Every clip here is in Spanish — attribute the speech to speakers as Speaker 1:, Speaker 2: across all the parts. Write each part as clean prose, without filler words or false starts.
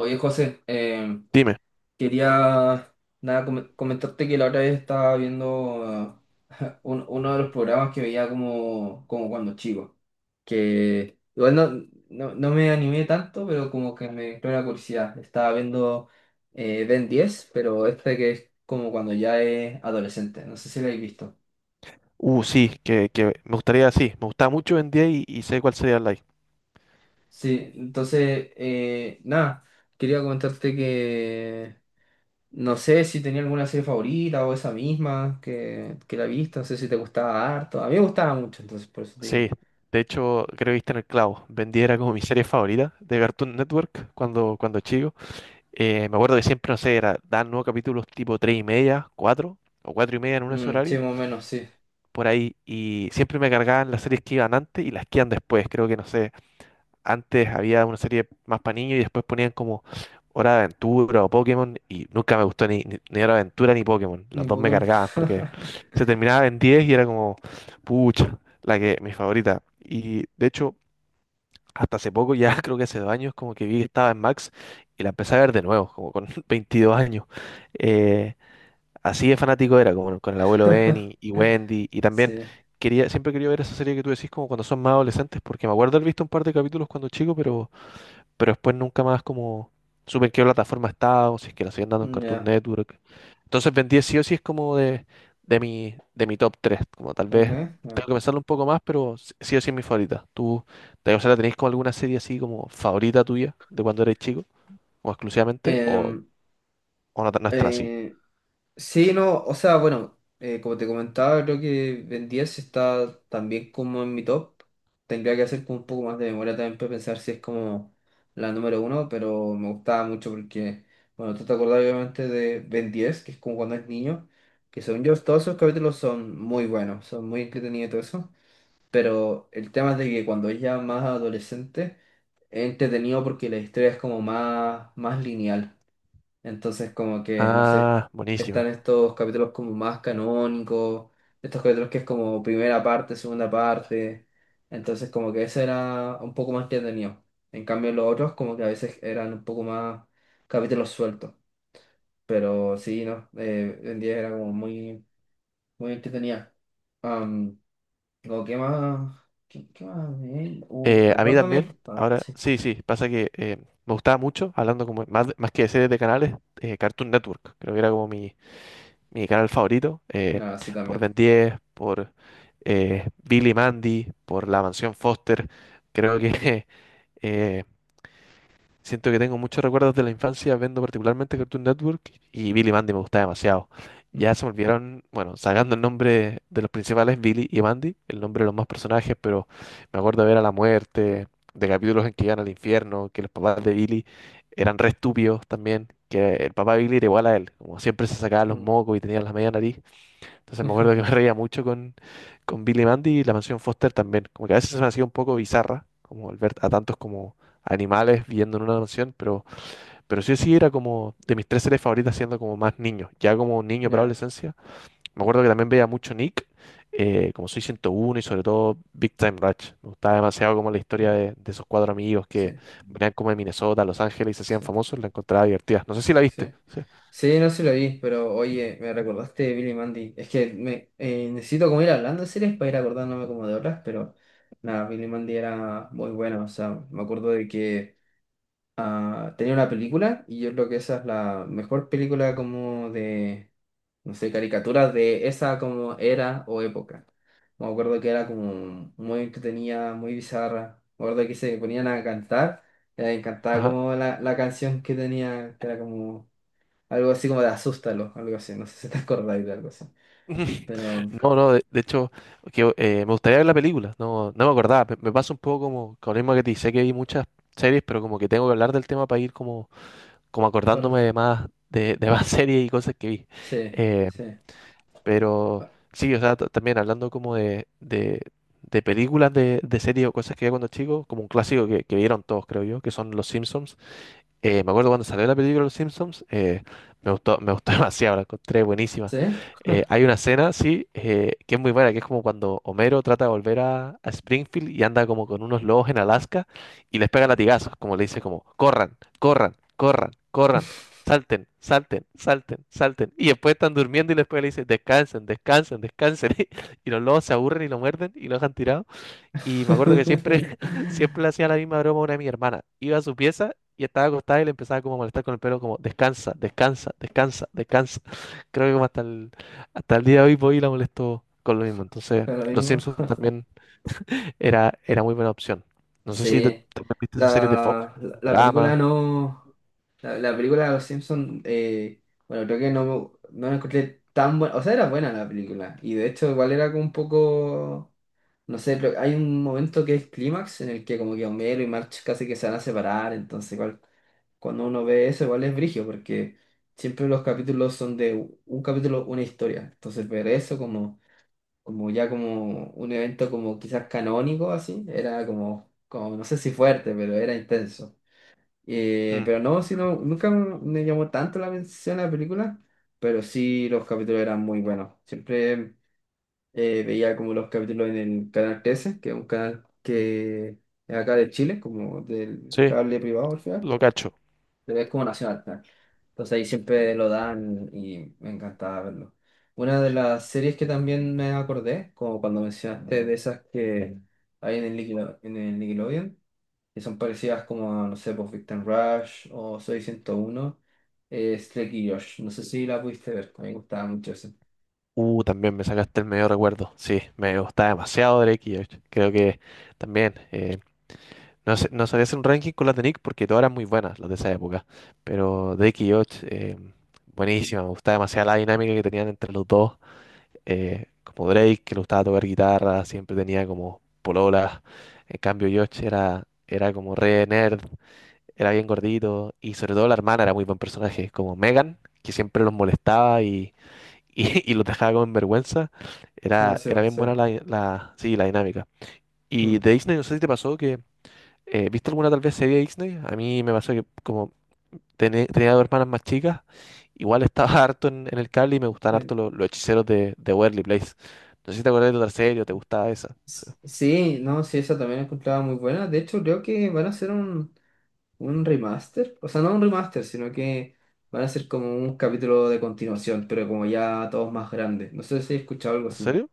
Speaker 1: Oye, José,
Speaker 2: Dime.
Speaker 1: quería nada, com- comentarte que la otra vez estaba viendo uno de los programas que veía como, como cuando chico, que igual no me animé tanto, pero como que me entró la curiosidad. Estaba viendo Ben 10, pero este que es como cuando ya es adolescente, no sé si lo habéis visto.
Speaker 2: Sí, que me gustaría, sí, me gustaba mucho Ben 10 y sé cuál sería el like.
Speaker 1: Sí, entonces, nada, quería comentarte que... No sé si tenía alguna serie favorita o esa misma que la he visto. No sé si te gustaba harto. A mí me gustaba mucho, entonces por eso te
Speaker 2: Sí,
Speaker 1: digo.
Speaker 2: de hecho, creo que viste en el clavo. Ben 10 era como mi serie favorita de Cartoon Network cuando chico. Me acuerdo que siempre, no sé, era, daban nuevos capítulos tipo 3:30, 4 o 4:30 en unos
Speaker 1: Mm, sí,
Speaker 2: horarios,
Speaker 1: más o menos, sí.
Speaker 2: por ahí. Y siempre me cargaban las series que iban antes y las que iban después. Creo que, no sé, antes había una serie más para niños y después ponían como Hora de Aventura o Pokémon y nunca me gustó ni Hora de Aventura ni Pokémon. Las
Speaker 1: Ni
Speaker 2: dos me
Speaker 1: Pokémon.
Speaker 2: cargaban porque se terminaba en 10 y era como, pucha, la que, mi favorita. Y de hecho, hasta hace poco, ya creo que hace 2 años, como que vi que estaba en Max y la empecé a ver de nuevo, como con 22 años. Eh, Así de fanático era, como con el abuelo Ben y Wendy y también...
Speaker 1: Sí.
Speaker 2: Quería, siempre quería ver esa serie que tú decís como cuando son más adolescentes, porque me acuerdo haber visto un par de capítulos cuando chico, pero después nunca más como supe en qué plataforma estaba o si es que la siguen dando en
Speaker 1: Mm,
Speaker 2: Cartoon
Speaker 1: ya.
Speaker 2: Network. Entonces Ben 10 sí o sí es como de mi top 3 como tal
Speaker 1: Tal
Speaker 2: vez
Speaker 1: vez,
Speaker 2: tengo
Speaker 1: ya.
Speaker 2: que pensarlo un poco más, pero sí sí o sí es mi favorita. ¿Tú, te, o sea, tenéis como alguna serie así como favorita tuya de cuando eres chico, como exclusivamente, o,
Speaker 1: Em,
Speaker 2: o no, tan- no es tan así?
Speaker 1: eh, Sí, no, o sea, bueno, como te comentaba, creo que Ben 10 está también como en mi top. Tendría que hacer como un poco más de memoria también para pensar si es como la número uno, pero me gustaba mucho porque, bueno, tú te acordás obviamente de Ben 10, que es como cuando es niño, que según yo todos esos capítulos son muy buenos, son muy entretenidos y todo eso, pero el tema es de que cuando es ya más adolescente, es entretenido porque la historia es como más lineal. Entonces, como que, no sé,
Speaker 2: Ah,
Speaker 1: están
Speaker 2: buenísima.
Speaker 1: estos capítulos como más canónicos, estos capítulos que es como primera parte, segunda parte. Entonces, como que ese era un poco más entretenido. En cambio, los otros, como que a veces eran un poco más capítulos sueltos. Pero sí, no, en 10 era como muy, muy entretenida. Am, como, ¿qué más? ¿Qué, qué más? Vi?
Speaker 2: A mí
Speaker 1: Recuérdame.
Speaker 2: también,
Speaker 1: Ah,
Speaker 2: ahora,
Speaker 1: sí.
Speaker 2: sí, sí, pasa que me gustaba mucho, hablando como más que de series de canales, Cartoon Network, creo que era como mi canal favorito,
Speaker 1: Ah, sí,
Speaker 2: por
Speaker 1: también.
Speaker 2: Ben 10, por Billy Mandy, por La Mansión Foster. Creo que eh, siento que tengo muchos recuerdos de la infancia viendo particularmente Cartoon Network y Billy Mandy me gustaba demasiado. Ya
Speaker 1: Mm,
Speaker 2: se me olvidaron, bueno, sacando el nombre de los principales, Billy y Mandy, el nombre de los más personajes, pero me acuerdo de ver a la muerte, de capítulos en que iban al infierno, que los papás de Billy eran re estúpidos también, que el papá de Billy era igual a él, como siempre se sacaba los
Speaker 1: mm.
Speaker 2: mocos y tenía la media nariz. Entonces me acuerdo que me reía mucho con Billy Mandy y la mansión Foster también. Como que a veces se me hacía un poco bizarra, como al ver a tantos como animales viviendo en una mansión, pero sí sí era como de mis tres series favoritas siendo como más niño, ya como niño para
Speaker 1: Ya,
Speaker 2: adolescencia. Me acuerdo que también veía mucho Nick, como Soy 101 y sobre todo Big Time Rush. Me gustaba demasiado como la historia de esos cuatro amigos
Speaker 1: sí,
Speaker 2: que venían como de Minnesota, a Los Ángeles y se hacían
Speaker 1: sí.
Speaker 2: famosos, la encontraba divertida. No sé si la viste.
Speaker 1: Sí.
Speaker 2: Sí.
Speaker 1: Sí, no se lo vi, pero oye, me recordaste de Billy Mandy. Es que necesito como ir hablando de series para ir acordándome como de otras, pero nada, Billy Mandy era muy bueno. O sea, me acuerdo de que tenía una película y yo creo que esa es la mejor película como de, no sé, caricaturas de esa como era o época. Me acuerdo que era como muy entretenida, muy bizarra. Me acuerdo que se ponían a cantar, me encantaba
Speaker 2: Ajá.
Speaker 1: como la canción que tenía, que era como... Algo así como de asústalo, algo así. No sé si te acordáis de algo así. Pero,
Speaker 2: No, no, de hecho, que, me gustaría ver la película, no, no me acordaba, me pasa un poco como con el mismo que te sé que vi muchas series, pero como que tengo que hablar del tema para ir como, como
Speaker 1: por-
Speaker 2: acordándome de más, de más series y cosas que vi.
Speaker 1: sí,
Speaker 2: Eh,
Speaker 1: sí,
Speaker 2: pero sí, o sea, ta- también hablando como de películas de series o cosas que vi cuando chico, como un clásico que vieron todos, creo yo, que son Los Simpsons. Me acuerdo cuando salió la película Los Simpsons, me gustó demasiado, la encontré buenísima.
Speaker 1: sí.
Speaker 2: Hay una escena, sí, que es muy buena, que es como cuando Homero trata de volver a Springfield y anda como con unos lobos en Alaska y les pega latigazos, como le dice como, corran, corran, corran, corran, salten, salten, salten, salten. Y después están durmiendo y después le dice, descansen, descansen, descansen. Y los lobos se aburren y lo muerden y lo dejan tirado. Y me acuerdo que siempre, siempre le hacía la misma broma a una de mi hermana. Iba a su pieza y estaba acostada y le empezaba como a molestar con el pelo, como descansa, descansa, descansa, descansa. Creo que como hasta el día de hoy voy y la molesto con lo mismo. Entonces,
Speaker 1: Pero lo
Speaker 2: Los
Speaker 1: mismo.
Speaker 2: Simpsons también era muy buena opción. No sé si te,
Speaker 1: Sí.
Speaker 2: también viste esa serie de Fox,
Speaker 1: La película
Speaker 2: Futurama.
Speaker 1: no. La película de Los Simpsons, bueno, creo que no, no la encontré tan buena. O sea, era buena la película. Y de hecho, igual era como un poco. No sé, pero hay un momento que es clímax en el que como que Homero y March casi que se van a separar, entonces igual cuando uno ve eso igual es brigio, porque siempre los capítulos son de un capítulo, una historia. Entonces ver eso como, como ya como un evento como quizás canónico así, era como, como no sé si fuerte, pero era intenso.
Speaker 2: Mm,
Speaker 1: Pero no, sino, nunca me llamó tanto la atención la película, pero sí los capítulos eran muy buenos. Siempre veía como los capítulos en el canal 13, que es un canal que es acá de Chile, como del
Speaker 2: sí,
Speaker 1: cable privado al final,
Speaker 2: lo cacho.
Speaker 1: pero es como nacional. Entonces ahí siempre lo dan y me encantaba verlo. Una de las series que también me acordé, como cuando mencionaste de esas que hay en el en el Nickelodeon, que son parecidas como, no sé, pues Victim Rush o Soy 101, es Drake y Josh. No sé si la pudiste ver, a mí me gustaba mucho esa.
Speaker 2: También me sacaste el medio recuerdo. Sí, me gustaba demasiado Drake y Josh. Creo que también. No, sé- no sabía hacer un ranking con las de Nick porque todas eran muy buenas, las de esa época. Pero Drake y Josh, buenísima. Me gustaba demasiado la dinámica que tenían entre los dos. Como Drake, que le gustaba tocar guitarra, siempre tenía como pololas. En cambio, Josh era como re nerd, era bien gordito. Y sobre todo la hermana era muy buen personaje, como Megan, que siempre los molestaba y y los dejaba como en vergüenza.
Speaker 1: Ah,
Speaker 2: Era,
Speaker 1: sí,
Speaker 2: era bien
Speaker 1: sí.
Speaker 2: buena la, la, sí, la dinámica. Y
Speaker 1: Mm.
Speaker 2: de Disney, no sé si te pasó que ¿viste alguna tal vez serie de Disney? A mí me pasó que como tené- tenía dos hermanas más chicas, igual estaba harto en el cable y me gustaban
Speaker 1: Eh,
Speaker 2: harto lo- los, hechiceros de Waverly Place. No sé si te acuerdas de otra serie o te gustaba esa.
Speaker 1: Sí, no, sí, esa también la encontraba muy buena. De hecho, creo que van a hacer un remaster, o sea, no un remaster, sino que van a ser como un capítulo de continuación, pero como ya todos más grandes. No sé si he escuchado algo
Speaker 2: ¿En
Speaker 1: así.
Speaker 2: serio?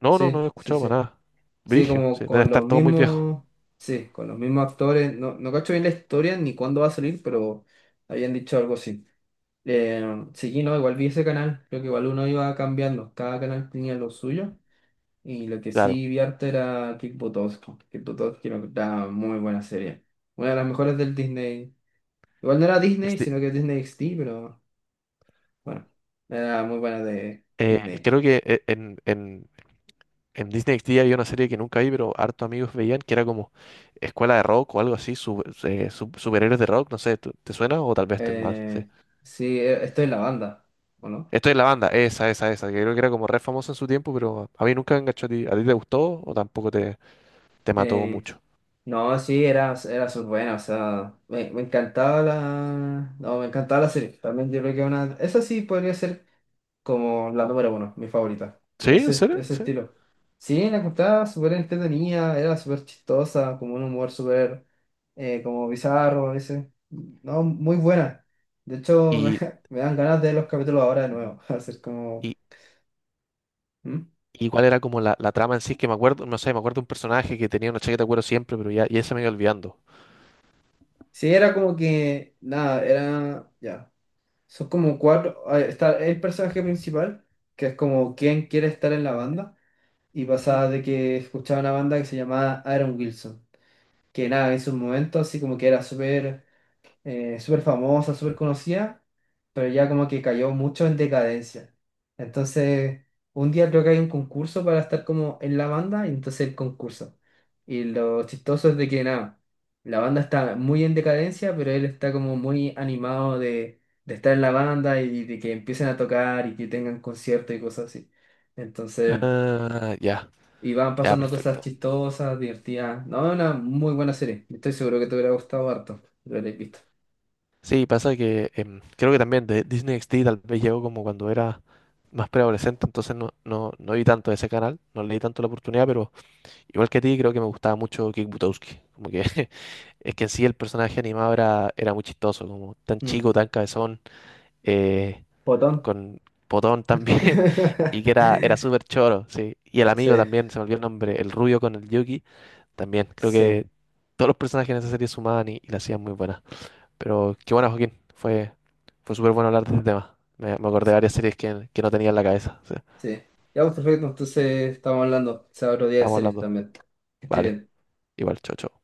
Speaker 2: No, no, no he
Speaker 1: Sí, sí,
Speaker 2: escuchado para
Speaker 1: sí.
Speaker 2: nada.
Speaker 1: Sí,
Speaker 2: Brigio,
Speaker 1: como
Speaker 2: sí, debe
Speaker 1: con
Speaker 2: estar
Speaker 1: los
Speaker 2: todo muy viejo.
Speaker 1: mismos, sí, con los mismos actores. No, no cacho bien la historia ni cuándo va a salir, pero habían dicho algo así. Eh, sí, no, igual vi ese canal, creo que igual uno iba cambiando, cada canal tenía lo suyo. Y lo que
Speaker 2: Claro.
Speaker 1: sí vi harto era Kick Buttowski. Kick Buttowski era una muy buena serie. Una de las mejores del Disney. Igual no era Disney,
Speaker 2: XD.
Speaker 1: sino que Disney XD, pero bueno, era muy buena de Disney.
Speaker 2: Creo que en Disney XD había una serie que nunca vi, pero harto amigos veían que era como Escuela de Rock o algo así, superhéroes de rock, no sé, ¿tú- ¿te suena? O tal vez estoy mal, sí.
Speaker 1: Eh, sí, estoy en la banda, ¿o no?
Speaker 2: Estoy en la banda, esa, que creo que era como re famosa en su tiempo, pero a mí nunca me enganchó a ti. ¿A ti te gustó o tampoco te mató
Speaker 1: Eh,
Speaker 2: mucho?
Speaker 1: no, sí, era, era súper buena, o sea, me encantaba la... No, me encantaba la serie. También yo creo que una... Esa sí podría ser como la número uno, mi favorita.
Speaker 2: ¿Sí? ¿En
Speaker 1: Ese,
Speaker 2: serio?
Speaker 1: ese
Speaker 2: ¿Sí?
Speaker 1: estilo. Sí, la encontraba súper entretenida, era súper chistosa, como un humor súper como bizarro a veces. No, muy buena. De hecho, me,
Speaker 2: ¿Y,
Speaker 1: me dan ganas de ver los capítulos ahora de nuevo. Hacer como.
Speaker 2: y,
Speaker 1: ¿Mm?
Speaker 2: y cuál era como la trama en sí? Que me acuerdo, no sé, me acuerdo de un personaje que tenía una chaqueta de cuero siempre, pero ya se me iba olvidando.
Speaker 1: Sí, era como que. Nada, era. Ya. Son como cuatro. Ah, está el personaje principal, que es como quien quiere estar en la banda. Y
Speaker 2: Ujú.
Speaker 1: pasaba de que escuchaba una banda que se llamaba Aaron Wilson. Que nada, en sus momentos así como que era súper súper famosa, súper conocida, pero ya como que cayó mucho en decadencia. Entonces, un día creo que hay un concurso para estar como en la banda, y entonces el concurso. Y lo chistoso es de que nada, la banda está muy en decadencia, pero él está como muy animado de estar en la banda y de que empiecen a tocar y que tengan conciertos y cosas así. Entonces...
Speaker 2: Ah, ya,
Speaker 1: Y van
Speaker 2: ya,
Speaker 1: pasando cosas
Speaker 2: perfecto.
Speaker 1: chistosas, divertidas. No, es una muy buena serie. Estoy seguro que te hubiera gustado harto. Lo habréis visto.
Speaker 2: Sí, pasa que creo que también de Disney XD tal vez llegó como cuando era más preadolescente, entonces no vi tanto ese canal, no le di tanto la oportunidad, pero igual que a ti creo que me gustaba mucho Kick Butowski, como que es que en sí el personaje animado era muy chistoso, como tan
Speaker 1: Mm.
Speaker 2: chico, tan cabezón, eh,
Speaker 1: Botón.
Speaker 2: con potón también, y que era súper choro, sí. Y el
Speaker 1: Sí,
Speaker 2: amigo también, se me olvidó el nombre, el rubio con el Yuki, también. Creo
Speaker 1: sí.
Speaker 2: que todos los personajes en esa serie sumaban y la hacían muy buena. Pero qué bueno, Joaquín, fue súper bueno hablar de este tema. Me acordé de varias series que no tenía en la cabeza. Sí.
Speaker 1: Sí. Ya, pues perfecto. Entonces estamos hablando. Sea otro día de
Speaker 2: Estamos
Speaker 1: series
Speaker 2: hablando.
Speaker 1: también. Que estés
Speaker 2: Vale,
Speaker 1: bien.
Speaker 2: igual, chau, chau.